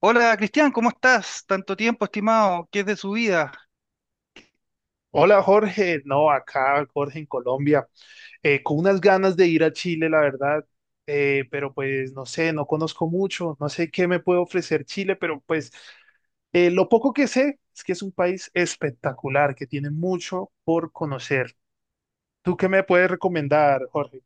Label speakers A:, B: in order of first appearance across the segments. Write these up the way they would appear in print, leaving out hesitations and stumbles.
A: Hola Cristian, ¿cómo estás? Tanto tiempo, estimado. ¿Qué es de su vida?
B: Hola Jorge, no, acá Jorge en Colombia, con unas ganas de ir a Chile, la verdad, pero pues no sé, no conozco mucho, no sé qué me puede ofrecer Chile, pero pues lo poco que sé es que es un país espectacular, que tiene mucho por conocer. ¿Tú qué me puedes recomendar, Jorge?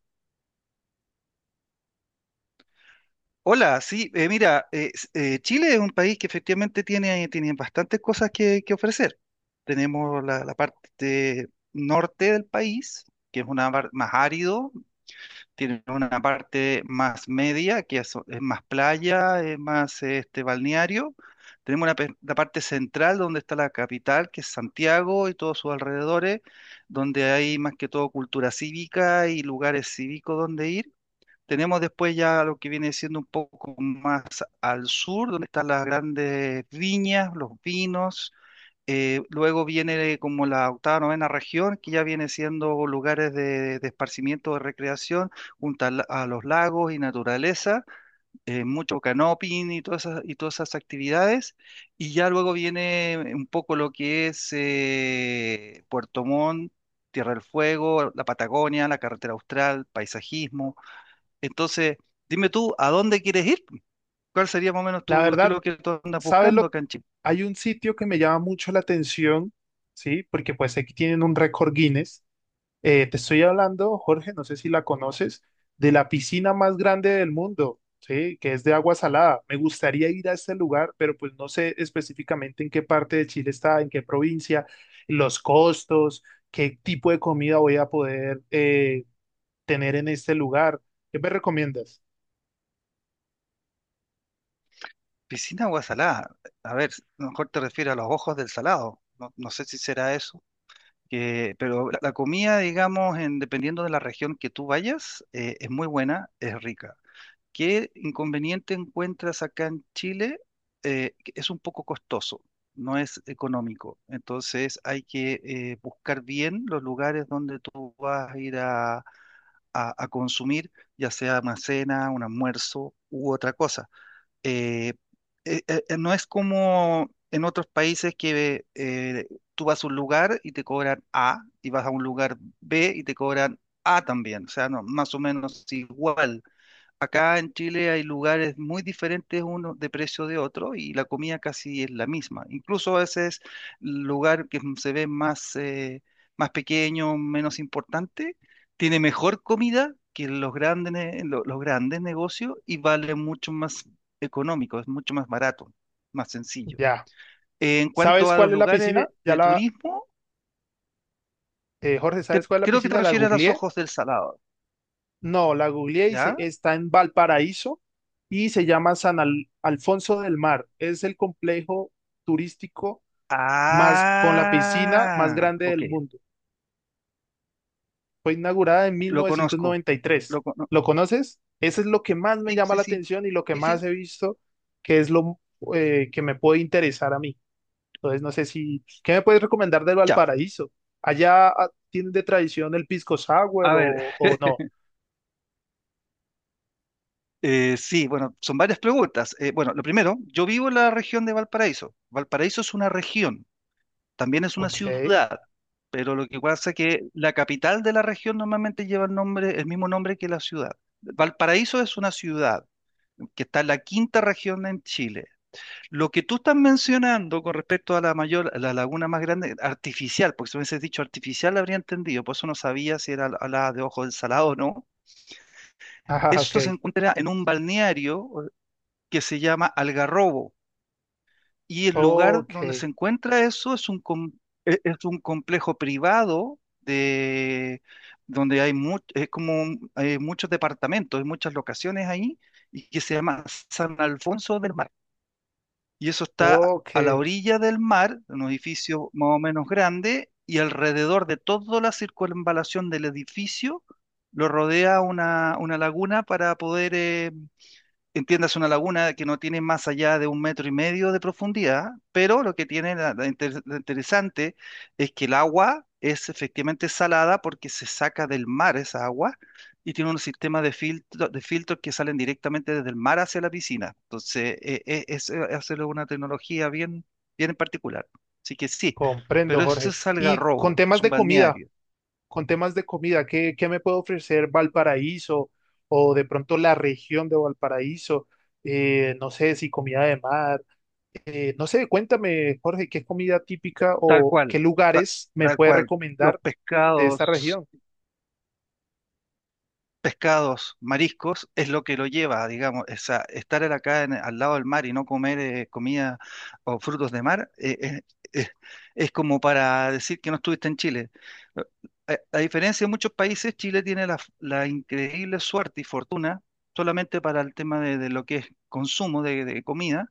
A: Hola, sí, mira, Chile es un país que efectivamente tiene bastantes cosas que ofrecer. Tenemos la parte norte del país, que es una más árido, tienen una parte más media, que es más playa, es más balneario. Tenemos la parte central donde está la capital, que es Santiago y todos sus alrededores, donde hay más que todo cultura cívica y lugares cívicos donde ir. Tenemos después ya lo que viene siendo un poco más al sur, donde están las grandes viñas, los vinos, luego viene como la octava, novena región, que ya viene siendo lugares de esparcimiento, de recreación, junto a los lagos y naturaleza, mucho canoping y todas esas actividades. Y ya luego viene un poco lo que es Puerto Montt, Tierra del Fuego, la Patagonia, la carretera austral, paisajismo. Entonces, dime tú, ¿a dónde quieres ir? ¿Cuál sería más o menos
B: La
A: tu, qué es
B: verdad,
A: lo que tú andas
B: ¿sabes
A: buscando
B: lo?
A: acá en Chile?
B: Hay un sitio que me llama mucho la atención, ¿sí? Porque pues aquí tienen un récord Guinness. Te estoy hablando, Jorge, no sé si la conoces, de la piscina más grande del mundo, ¿sí? Que es de agua salada. Me gustaría ir a este lugar, pero pues no sé específicamente en qué parte de Chile está, en qué provincia, los costos, qué tipo de comida voy a poder tener en este lugar. ¿Qué me recomiendas?
A: Piscina agua salada. A ver, a lo mejor te refieres a los Ojos del Salado. No, no sé si será eso. Que, pero la comida, digamos, en, dependiendo de la región que tú vayas, es muy buena, es rica. ¿Qué inconveniente encuentras acá en Chile? Que es un poco costoso, no es económico. Entonces hay que buscar bien los lugares donde tú vas a ir a consumir, ya sea una cena, un almuerzo u otra cosa eh, no es como en otros países que tú vas a un lugar y te cobran A, y vas a un lugar B y te cobran A también, o sea, no, más o menos igual. Acá en Chile hay lugares muy diferentes uno de precio de otro y la comida casi es la misma. Incluso a veces lugar que se ve más, más pequeño, menos importante, tiene mejor comida que los grandes, los grandes negocios y vale mucho más económico, es mucho más barato, más sencillo.
B: Ya.
A: En cuanto
B: ¿Sabes
A: a los
B: cuál es la
A: lugares
B: piscina?
A: de, de turismo,
B: Jorge, ¿sabes cuál es la
A: creo que te
B: piscina? La
A: refieres a los
B: googleé.
A: Ojos del Salado,
B: No, la googleé y
A: ¿ya?
B: está en Valparaíso y se llama San Alfonso del Mar. Es el complejo turístico más con la piscina más
A: Ah,
B: grande
A: ok.
B: del mundo. Fue inaugurada en mil
A: Lo
B: novecientos
A: conozco.
B: noventa y
A: Lo
B: tres.
A: cono-
B: ¿Lo conoces? Eso es lo que más me
A: sí,
B: llama
A: sí,
B: la
A: sí.
B: atención y lo que
A: Sí,
B: más
A: sí.
B: he visto que es lo que me puede interesar a mí. Entonces, no sé si, ¿qué me puedes recomendar del
A: Ya.
B: Valparaíso? ¿Allá tienen de tradición el pisco sour
A: A ver,
B: o no?
A: sí, bueno, son varias preguntas. Bueno, lo primero, yo vivo en la región de Valparaíso. Valparaíso es una región, también es una
B: Ok,
A: ciudad, pero lo que pasa es que la capital de la región normalmente lleva el nombre, el mismo nombre que la ciudad. Valparaíso es una ciudad que está en la quinta región en Chile. Lo que tú estás mencionando con respecto a la mayor, a la laguna más grande, artificial, porque si me hubieses dicho artificial la habría entendido, por eso no sabía si era la de Ojo del Salado o no.
B: ah, ok,
A: Eso se encuentra en un balneario que se llama Algarrobo, y el lugar donde se
B: ok.
A: encuentra eso es es un complejo privado de, donde hay hay muchos departamentos, hay muchas locaciones ahí, y que se llama San Alfonso del Mar. Y eso está
B: Ok,
A: a la orilla del mar, en un edificio más o menos grande, y alrededor de toda la circunvalación del edificio lo rodea una laguna para poder entiendas una laguna que no tiene más allá de un metro y medio de profundidad, pero lo que tiene lo interesante es que el agua es efectivamente salada porque se saca del mar esa agua y tiene un sistema de filtro, de filtros que salen directamente desde el mar hacia la piscina. Entonces, hacerlo una tecnología bien, bien en particular. Así que sí,
B: comprendo,
A: pero eso
B: Jorge.
A: es
B: Y con
A: Algarrobo, es
B: temas
A: un
B: de comida,
A: balneario,
B: con temas de comida, ¿qué, qué me puede ofrecer Valparaíso o de pronto la región de Valparaíso? No sé si comida de mar, no sé, cuéntame, Jorge, ¿qué comida típica
A: tal
B: o
A: cual,
B: qué
A: ta-
B: lugares me
A: tal
B: puede
A: cual. Los
B: recomendar de esta
A: pescados.
B: región?
A: Pescados, mariscos, es lo que lo lleva, digamos, o sea, estar en acá al lado del mar y no comer comida o frutos de mar, eh, es como para decir que no estuviste en Chile. Eh, a diferencia de muchos países, Chile tiene la increíble suerte y fortuna solamente para el tema de lo que es consumo de comida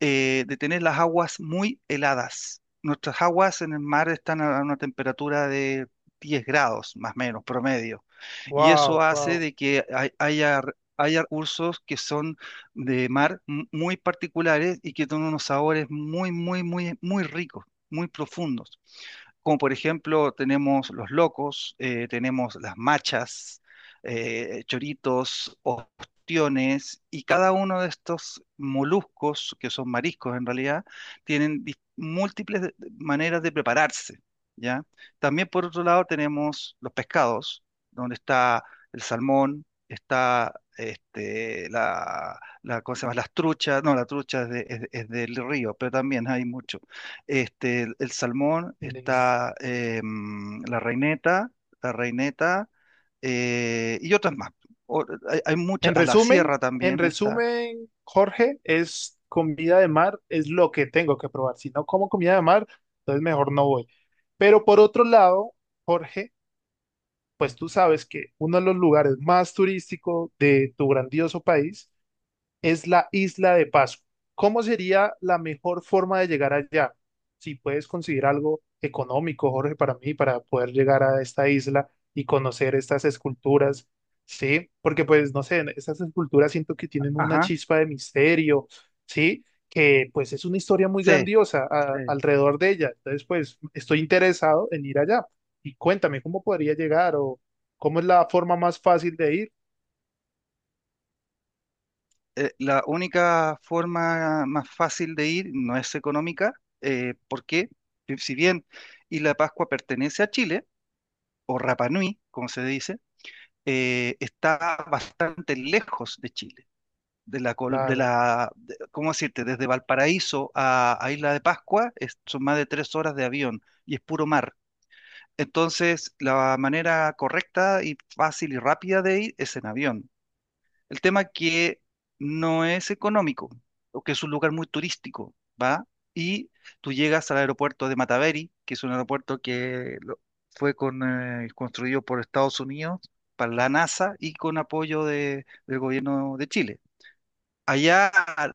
A: de tener las aguas muy heladas. Nuestras aguas en el mar están a una temperatura de 10 grados, más o menos, promedio. Y eso
B: Wow,
A: hace
B: wow.
A: de que haya recursos que son de mar muy particulares y que tienen unos sabores muy, muy, muy, muy ricos, muy profundos. Como por ejemplo, tenemos los locos, tenemos las machas, choritos, ostiones, y cada uno de estos moluscos, que son mariscos en realidad, tienen múltiples maneras de prepararse, ¿ya? También por otro lado tenemos los pescados, donde está el salmón, está ¿cómo se llama? Las truchas, no, la trucha es, es del río, pero también hay mucho. El salmón, está la reineta, la reineta y otras más. Hay, muchas,
B: En
A: a la
B: resumen,
A: sierra
B: en
A: también está.
B: resumen, Jorge, es comida de mar, es lo que tengo que probar. Si no como comida de mar, entonces mejor no voy. Pero por otro lado, Jorge, pues tú sabes que uno de los lugares más turísticos de tu grandioso país es la isla de Pascua. ¿Cómo sería la mejor forma de llegar allá? Si puedes conseguir algo económico, Jorge, para mí, para poder llegar a esta isla y conocer estas esculturas, ¿sí? Porque pues, no sé, estas esculturas siento que tienen una
A: Ajá,
B: chispa de misterio, ¿sí? Que pues es una historia muy
A: sí,
B: grandiosa
A: sí.
B: alrededor de ella. Entonces, pues, estoy interesado en ir allá. Y cuéntame, ¿cómo podría llegar o cómo es la forma más fácil de ir?
A: La única forma más fácil de ir no es económica, porque si bien Isla Pascua pertenece a Chile, o Rapa Nui, como se dice, está bastante lejos de Chile. De la, col- de
B: Claro.
A: la, de- ¿Cómo decirte? Desde Valparaíso a Isla de Pascua son más de 3 horas de avión y es puro mar. Entonces, la manera correcta y fácil y rápida de ir es en avión. El tema que no es económico, o que es un lugar muy turístico, ¿va? Y tú llegas al aeropuerto de Mataveri, que es un aeropuerto que construido por Estados Unidos para la NASA y con apoyo del gobierno de Chile. Allá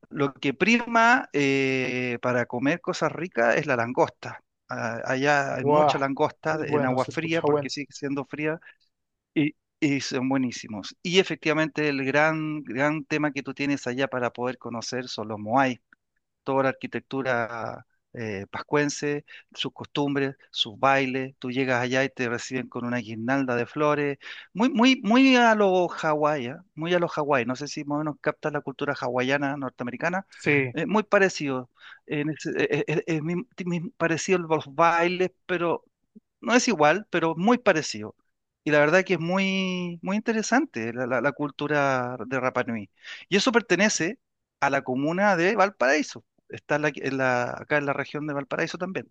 A: lo que prima para comer cosas ricas es la langosta. Ah, allá hay
B: Guau,
A: mucha langosta
B: es
A: en
B: bueno,
A: agua
B: se
A: fría
B: escucha
A: porque
B: bueno.
A: sigue siendo fría y, y son buenísimos. Y efectivamente el gran, gran tema que tú tienes allá para poder conocer son los moai, toda la arquitectura pascuense, sus costumbres, sus bailes. Tú llegas allá y te reciben con una guirnalda de flores. Muy, muy, muy a lo Hawái, ¿ah? Muy a lo Hawái. No sé si más o menos captas la cultura hawaiana norteamericana.
B: Sí,
A: Muy parecido. En ese- es mi- mi- Parecido a los bailes, pero no es igual, pero muy parecido. Y la verdad que es muy, muy interesante la cultura de Rapa Nui. Y eso pertenece a la comuna de Valparaíso. Está acá en la región de Valparaíso también.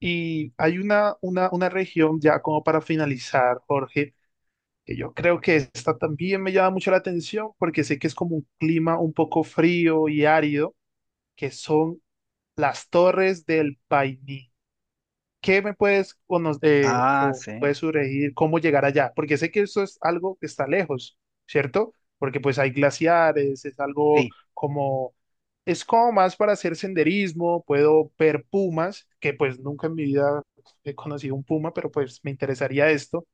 B: y hay una región ya como para finalizar, Jorge, que yo creo que esta también me llama mucho la atención porque sé que es como un clima un poco frío y árido, que son las Torres del Paine. ¿Qué me puedes o, nos,
A: Ah,
B: o
A: sí.
B: puedes sugerir cómo llegar allá? Porque sé que eso es algo que está lejos, ¿cierto? Porque pues hay glaciares, es algo
A: Sí.
B: como, es como más para hacer senderismo, puedo ver pumas, que pues nunca en mi vida he conocido un puma, pero pues me interesaría esto.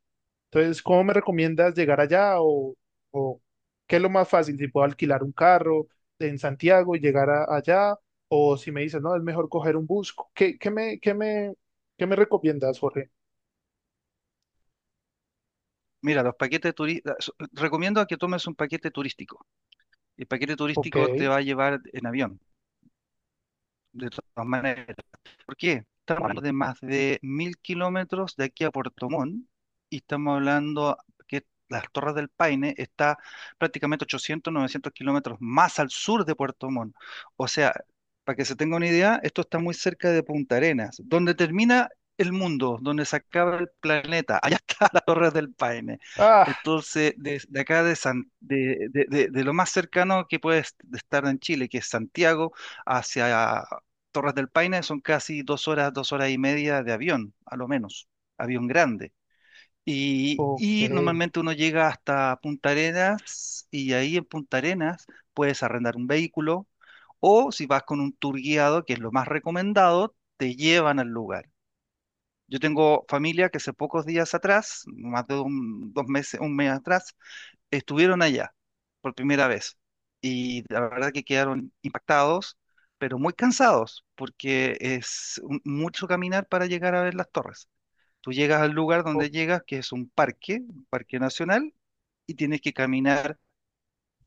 B: Entonces, ¿cómo me recomiendas llegar allá o qué es lo más fácil? Si puedo alquilar un carro en Santiago y llegar allá o si me dices, no, es mejor coger un bus. ¿Qué, qué me recomiendas, Jorge?
A: Mira, los paquetes turísticos. Recomiendo a que tomes un paquete turístico. El paquete
B: Ok.
A: turístico te va a llevar en avión, de todas maneras. ¿Por qué? Estamos hablando de más de 1.000 kilómetros de aquí a Puerto Montt y estamos hablando que las Torres del Paine está prácticamente 800, 900 kilómetros más al sur de Puerto Montt. O sea, para que se tenga una idea, esto está muy cerca de Punta Arenas, donde termina el mundo, donde se acaba el planeta. Allá está las Torres del Paine.
B: Ah,
A: Entonces, de acá de, San- de lo más cercano que puede estar en Chile, que es Santiago, hacia Torres del Paine son casi 2 horas, 2 horas y media de avión, a lo menos, avión grande. Y,
B: ok.
A: y normalmente uno llega hasta Punta Arenas y ahí en Punta Arenas puedes arrendar un vehículo o si vas con un tour guiado, que es lo más recomendado, te llevan al lugar. Yo tengo familia que hace pocos días atrás, más de 2 meses, un mes atrás, estuvieron allá por primera vez y la verdad que quedaron impactados, pero muy cansados porque es mucho caminar para llegar a ver las torres. Tú llegas al lugar
B: O-
A: donde llegas, que es un parque nacional, y tienes que caminar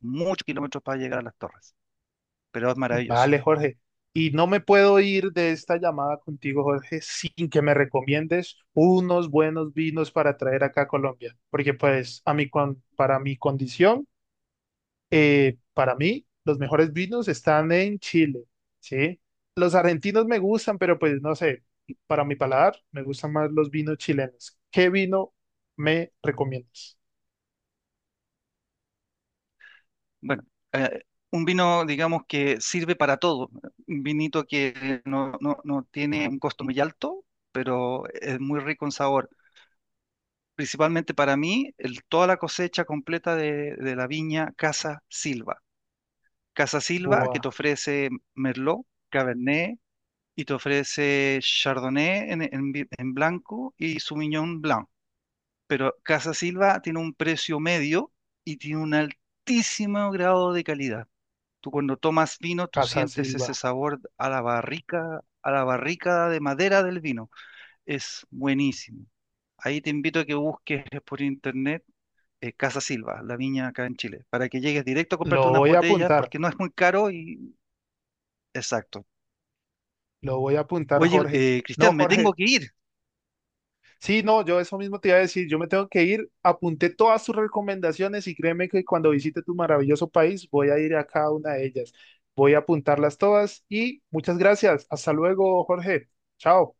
A: muchos kilómetros para llegar a las torres, pero es maravilloso.
B: vale, Jorge. Y no me puedo ir de esta llamada contigo, Jorge, sin que me recomiendes unos buenos vinos para traer acá a Colombia, porque pues a mí, con, para mi condición para mí, los mejores vinos están en Chile, ¿sí? Los argentinos me gustan, pero pues no sé, para mi paladar me gustan más los vinos chilenos. ¿Qué vino me recomiendas?
A: Bueno, eh, un vino, digamos, que sirve para todo, un vinito que no tiene un costo muy alto, pero es muy rico en sabor. Principalmente para mí, toda la cosecha completa de la viña Casa Silva. Casa Silva que te
B: Boa,
A: ofrece Merlot, Cabernet y te ofrece Chardonnay en blanco y Sauvignon Blanc. Pero Casa Silva tiene un precio medio y tiene un altísimo grado de calidad. Tú cuando tomas vino, tú
B: Casa
A: sientes ese
B: Silva.
A: sabor a la barrica de madera del vino. Es buenísimo. Ahí te invito a que busques por internet Casa Silva, la viña acá en Chile, para que llegues directo a comprarte
B: Lo
A: unas
B: voy a
A: botellas
B: apuntar,
A: porque no es muy caro y exacto.
B: lo voy a apuntar,
A: Oye,
B: Jorge. No,
A: Cristian, me tengo
B: Jorge,
A: que ir.
B: sí, no, yo eso mismo te iba a decir, yo me tengo que ir, apunté todas tus recomendaciones y créeme que cuando visite tu maravilloso país voy a ir a cada una de ellas. Voy a apuntarlas todas y muchas gracias. Hasta luego, Jorge. Chao.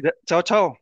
A: Chao, chao.